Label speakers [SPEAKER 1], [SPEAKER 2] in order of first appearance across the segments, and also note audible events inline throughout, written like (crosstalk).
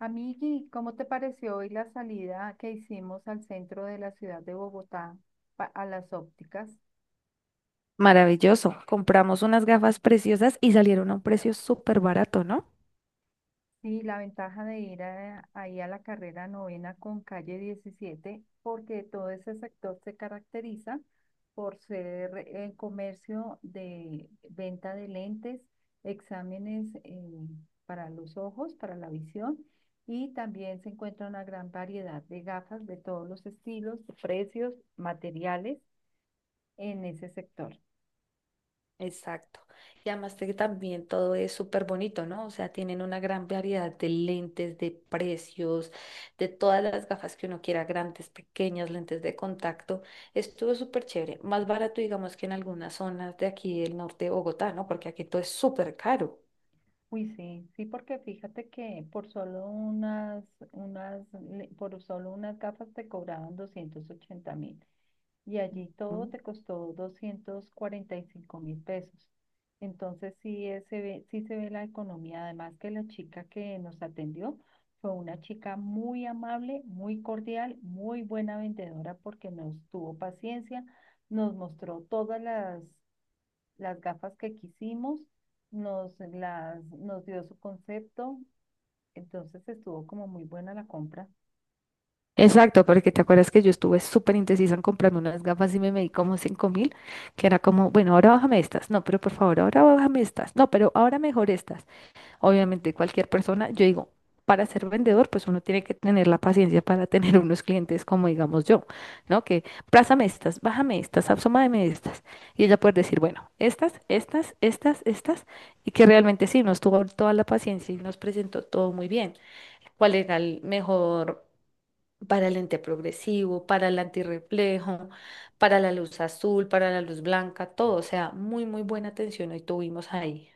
[SPEAKER 1] Amigui, ¿cómo te pareció hoy la salida que hicimos al centro de la ciudad de Bogotá a las ópticas?
[SPEAKER 2] Maravilloso. Compramos unas gafas preciosas y salieron a un precio súper barato, ¿no?
[SPEAKER 1] Sí, la ventaja de ir ahí a la carrera novena con calle 17, porque todo ese sector se caracteriza por ser comercio de venta de lentes, exámenes para los ojos, para la visión, y también se encuentra una gran variedad de gafas de todos los estilos, precios, materiales en ese sector.
[SPEAKER 2] Exacto. Y además que también todo es súper bonito, ¿no? O sea, tienen una gran variedad de lentes, de precios, de todas las gafas que uno quiera, grandes, pequeñas, lentes de contacto. Estuvo súper chévere. Más barato, digamos, que en algunas zonas de aquí del norte de Bogotá, ¿no? Porque aquí todo es súper caro.
[SPEAKER 1] Uy, sí, sí, porque fíjate que por solo por solo unas gafas te cobraban 280.000 y allí todo
[SPEAKER 2] ¿Mm?
[SPEAKER 1] te costó 245.000 pesos. Entonces sí, se ve, sí se ve la economía. Además que la chica que nos atendió fue una chica muy amable, muy cordial, muy buena vendedora porque nos tuvo paciencia, nos mostró todas las gafas que quisimos, nos dio su concepto, entonces estuvo como muy buena la compra.
[SPEAKER 2] Exacto, porque te acuerdas que yo estuve súper indecisa en comprarme unas gafas y me medí como 5000, que era como, bueno, ahora bájame estas, no, pero por favor, ahora bájame estas, no, pero ahora mejor estas. Obviamente cualquier persona, yo digo, para ser vendedor, pues uno tiene que tener la paciencia para tener unos clientes como digamos yo, ¿no? Que prázame estas, bájame estas, absómame estas. Y ella puede decir, bueno, estas, estas, estas, estas, y que realmente sí, nos tuvo toda la paciencia y nos presentó todo muy bien. ¿Cuál era el mejor? Para el lente progresivo, para el antirreflejo, para la luz azul, para la luz blanca, todo. O sea, muy, muy buena atención hoy tuvimos ahí.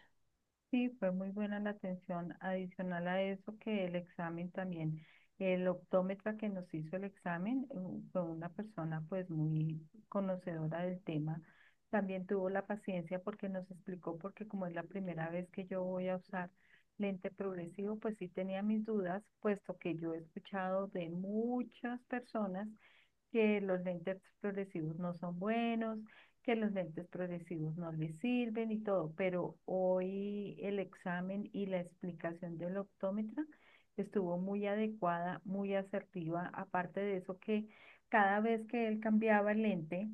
[SPEAKER 1] Sí, fue muy buena la atención. Adicional a eso que el examen también, el optómetra que nos hizo el examen fue una persona pues muy conocedora del tema. También tuvo la paciencia porque nos explicó, porque como es la primera vez que yo voy a usar lente progresivo, pues sí tenía mis dudas, puesto que yo he escuchado de muchas personas que los lentes progresivos no son buenos, que los lentes progresivos no les sirven y todo, pero hoy el examen y la explicación del optómetra estuvo muy adecuada, muy asertiva, aparte de eso que cada vez que él cambiaba el lente,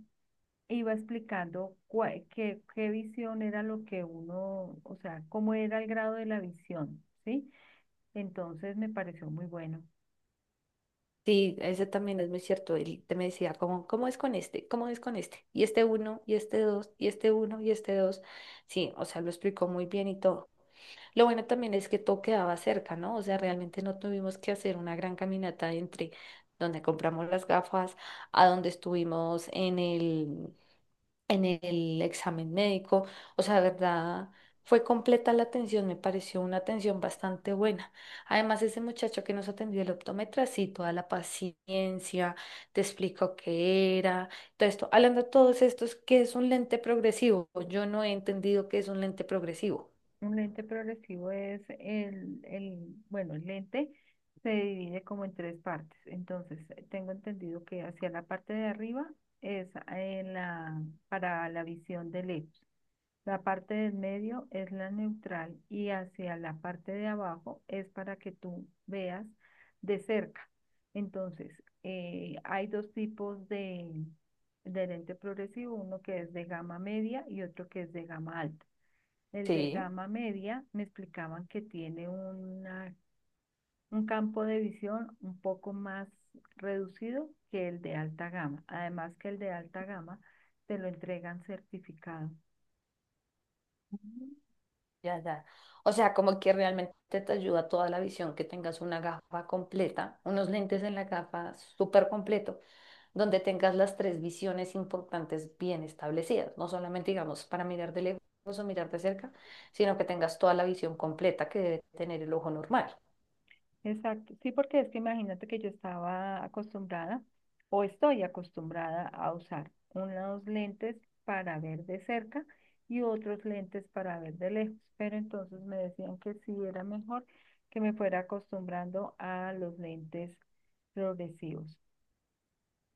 [SPEAKER 1] iba explicando cuál, qué, qué visión era lo que uno, o sea, cómo era el grado de la visión, ¿sí? Entonces me pareció muy bueno.
[SPEAKER 2] Sí, ese también es muy cierto. Él te me decía, ¿Cómo es con este? ¿Cómo es con este? Y este uno, y este dos, y este uno, y este dos. Sí, o sea, lo explicó muy bien y todo. Lo bueno también es que todo quedaba cerca, ¿no? O sea, realmente no tuvimos que hacer una gran caminata entre donde compramos las gafas a donde estuvimos en el examen médico. O sea, de verdad, fue completa la atención, me pareció una atención bastante buena. Además, ese muchacho que nos atendió el optómetra, sí, toda la paciencia, te explicó qué era, todo esto. Hablando de todos estos, ¿qué es un lente progresivo? Yo no he entendido qué es un lente progresivo.
[SPEAKER 1] Un lente progresivo es bueno, el lente se divide como en tres partes. Entonces, tengo entendido que hacia la parte de arriba es en la, para la visión de lejos. La parte del medio es la neutral y hacia la parte de abajo es para que tú veas de cerca. Entonces, hay de lente progresivo, uno que es de gama media y otro que es de gama alta. El de
[SPEAKER 2] Sí.
[SPEAKER 1] gama media me explicaban que tiene un campo de visión un poco más reducido que el de alta gama. Además que el de alta gama te lo entregan certificado.
[SPEAKER 2] Ya, ya. O sea, como que realmente te ayuda toda la visión, que tengas una gafa completa, unos lentes en la gafa súper completo, donde tengas las tres visiones importantes bien establecidas, no solamente digamos para mirar de lejos o mirar de cerca, sino que tengas toda la visión completa que debe tener el ojo normal.
[SPEAKER 1] Exacto, sí, porque es que imagínate que yo estaba acostumbrada o estoy acostumbrada a usar unos lentes para ver de cerca y otros lentes para ver de lejos, pero entonces me decían que sí era mejor que me fuera acostumbrando a los lentes progresivos.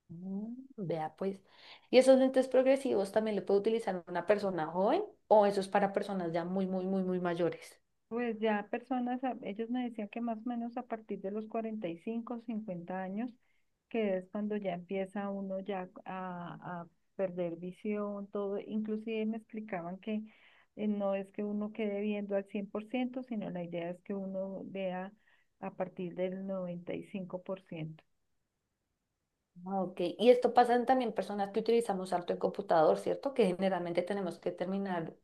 [SPEAKER 2] Mm, vea pues. ¿Y esos lentes progresivos también lo puede utilizar una persona joven o eso es para personas ya muy, muy, muy, muy mayores?
[SPEAKER 1] Pues ya personas, ellos me decían que más o menos a partir de los 45 50 años, que es cuando ya empieza uno ya a perder visión, todo, inclusive me explicaban que no es que uno quede viendo al 100%, sino la idea es que uno vea a partir del 95%.
[SPEAKER 2] Ah, ok, y esto pasa en también personas que utilizamos harto el computador, ¿cierto? Que generalmente tenemos que terminar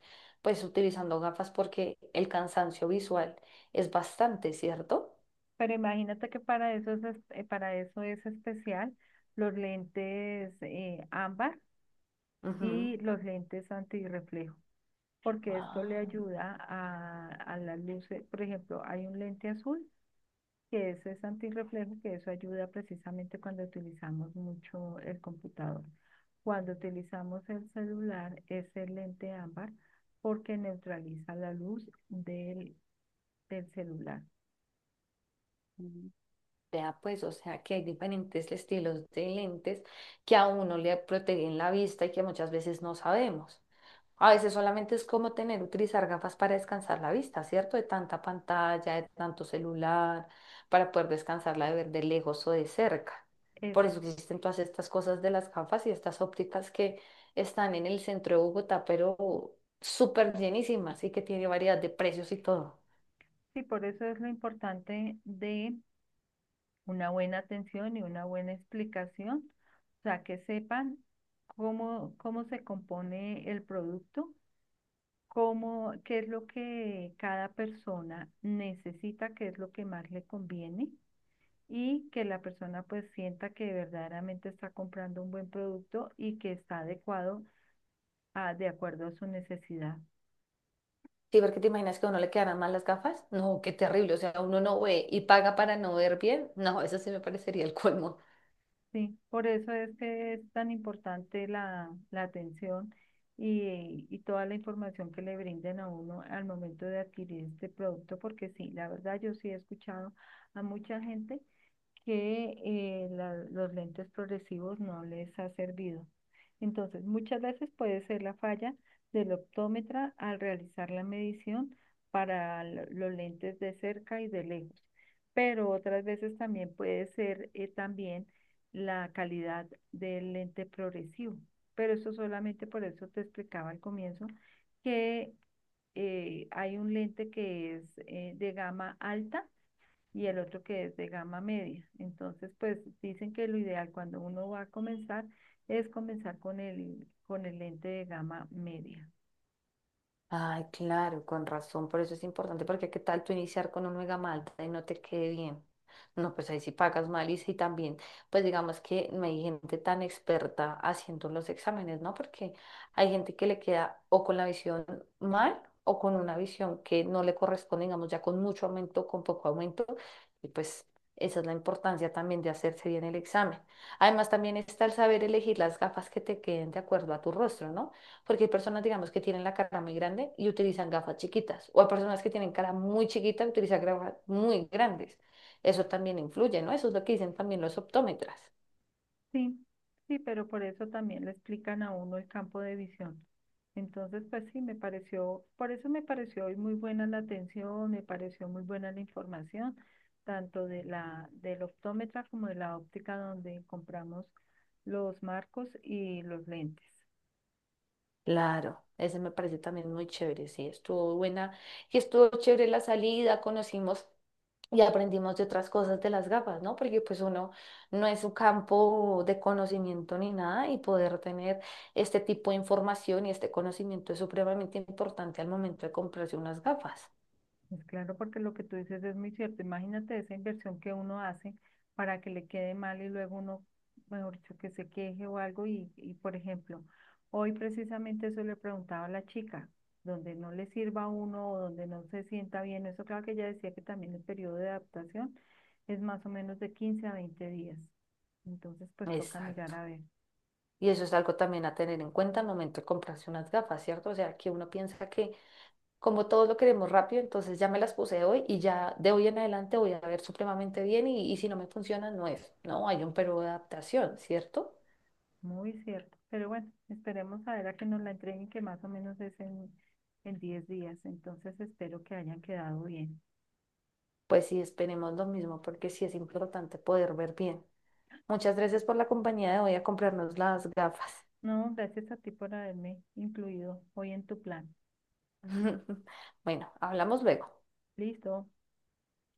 [SPEAKER 2] pues utilizando gafas porque el cansancio visual es bastante, ¿cierto?
[SPEAKER 1] Pero imagínate que para eso es especial los lentes ámbar
[SPEAKER 2] Ujú.
[SPEAKER 1] y los lentes antirreflejo, porque esto le
[SPEAKER 2] Ah.
[SPEAKER 1] ayuda a las luces. Por ejemplo, hay un lente azul es antirreflejo, que eso ayuda precisamente cuando utilizamos mucho el computador. Cuando utilizamos el celular es el lente ámbar porque neutraliza la luz del celular.
[SPEAKER 2] Mm. Vea pues, o sea que hay diferentes estilos de lentes que a uno le protegen la vista y que muchas veces no sabemos. A veces solamente es como tener, utilizar gafas para descansar la vista, ¿cierto? De tanta pantalla, de tanto celular, para poder descansarla de ver de lejos o de cerca. Por
[SPEAKER 1] Esa.
[SPEAKER 2] eso existen todas estas cosas de las gafas y estas ópticas que están en el centro de Bogotá, pero súper llenísimas y que tiene variedad de precios y todo.
[SPEAKER 1] Sí, por eso es lo importante de una buena atención y una buena explicación, o sea, que sepan cómo, cómo se compone el producto, cómo, qué es lo que cada persona necesita, qué es lo que más le conviene y que la persona pues sienta que verdaderamente está comprando un buen producto y que está adecuado de acuerdo a su necesidad.
[SPEAKER 2] Sí, porque te imaginas que a uno le quedaran mal las gafas. No, qué terrible. O sea, uno no ve y paga para no ver bien. No, eso sí me parecería el colmo.
[SPEAKER 1] Sí, por eso es que es tan importante la atención y toda la información que le brinden a uno al momento de adquirir este producto, porque sí, la verdad yo sí he escuchado a mucha gente que los lentes progresivos no les ha servido. Entonces, muchas veces puede ser la falla del optómetra al realizar la medición para los lentes de cerca y de lejos, pero otras veces también puede ser también la calidad del lente progresivo. Pero eso solamente, por eso te explicaba al comienzo que hay un lente que es de gama alta y el otro que es de gama media. Entonces, pues dicen que lo ideal cuando uno va a comenzar es comenzar con con el lente de gama media.
[SPEAKER 2] Ay, claro, con razón, por eso es importante, porque qué tal tú iniciar con un mega malta y no te quede bien. No, pues ahí sí pagas mal y sí también, pues digamos que no hay gente tan experta haciendo los exámenes, ¿no? Porque hay gente que le queda o con la visión mal o con una visión que no le corresponde, digamos, ya con mucho aumento, con poco aumento, y pues esa es la importancia también de hacerse bien el examen. Además, también está el saber elegir las gafas que te queden de acuerdo a tu rostro, ¿no? Porque hay personas, digamos, que tienen la cara muy grande y utilizan gafas chiquitas. O hay personas que tienen cara muy chiquita y utilizan gafas muy grandes. Eso también influye, ¿no? Eso es lo que dicen también los optómetras.
[SPEAKER 1] Sí, sí, pero por eso también le explican a uno el campo de visión. Entonces, pues sí, me pareció, por eso me pareció hoy muy buena la atención, me pareció muy buena la información, tanto de del optómetra como de la óptica donde compramos los marcos y los lentes.
[SPEAKER 2] Claro, ese me parece también muy chévere. Sí, estuvo buena. Y estuvo chévere la salida, conocimos y aprendimos de otras cosas de las gafas, ¿no? Porque pues uno no es un campo de conocimiento ni nada y poder tener este tipo de información y este conocimiento es supremamente importante al momento de comprarse unas gafas.
[SPEAKER 1] Pues claro, porque lo que tú dices es muy cierto. Imagínate esa inversión que uno hace para que le quede mal y luego uno, mejor dicho, que se queje o algo. Y por ejemplo, hoy precisamente eso le preguntaba a la chica, donde no le sirva a uno o donde no se sienta bien. Eso, claro, que ella decía que también el periodo de adaptación es más o menos de 15 a 20 días. Entonces, pues toca mirar
[SPEAKER 2] Exacto.
[SPEAKER 1] a ver.
[SPEAKER 2] Y eso es algo también a tener en cuenta al momento de comprarse unas gafas, ¿cierto? O sea, que uno piensa que como todos lo queremos rápido, entonces ya me las puse hoy y ya de hoy en adelante voy a ver supremamente bien y si no me funciona, no es. No, hay un periodo de adaptación, ¿cierto?
[SPEAKER 1] Muy cierto. Pero bueno, esperemos a ver a que nos la entreguen, que más o menos es en 10 días. Entonces espero que hayan quedado bien.
[SPEAKER 2] Pues sí, esperemos lo mismo porque sí es importante poder ver bien. Muchas gracias por la compañía de hoy a comprarnos las gafas.
[SPEAKER 1] No, gracias a ti por haberme incluido hoy en tu plan.
[SPEAKER 2] (laughs) Bueno, hablamos luego.
[SPEAKER 1] Listo.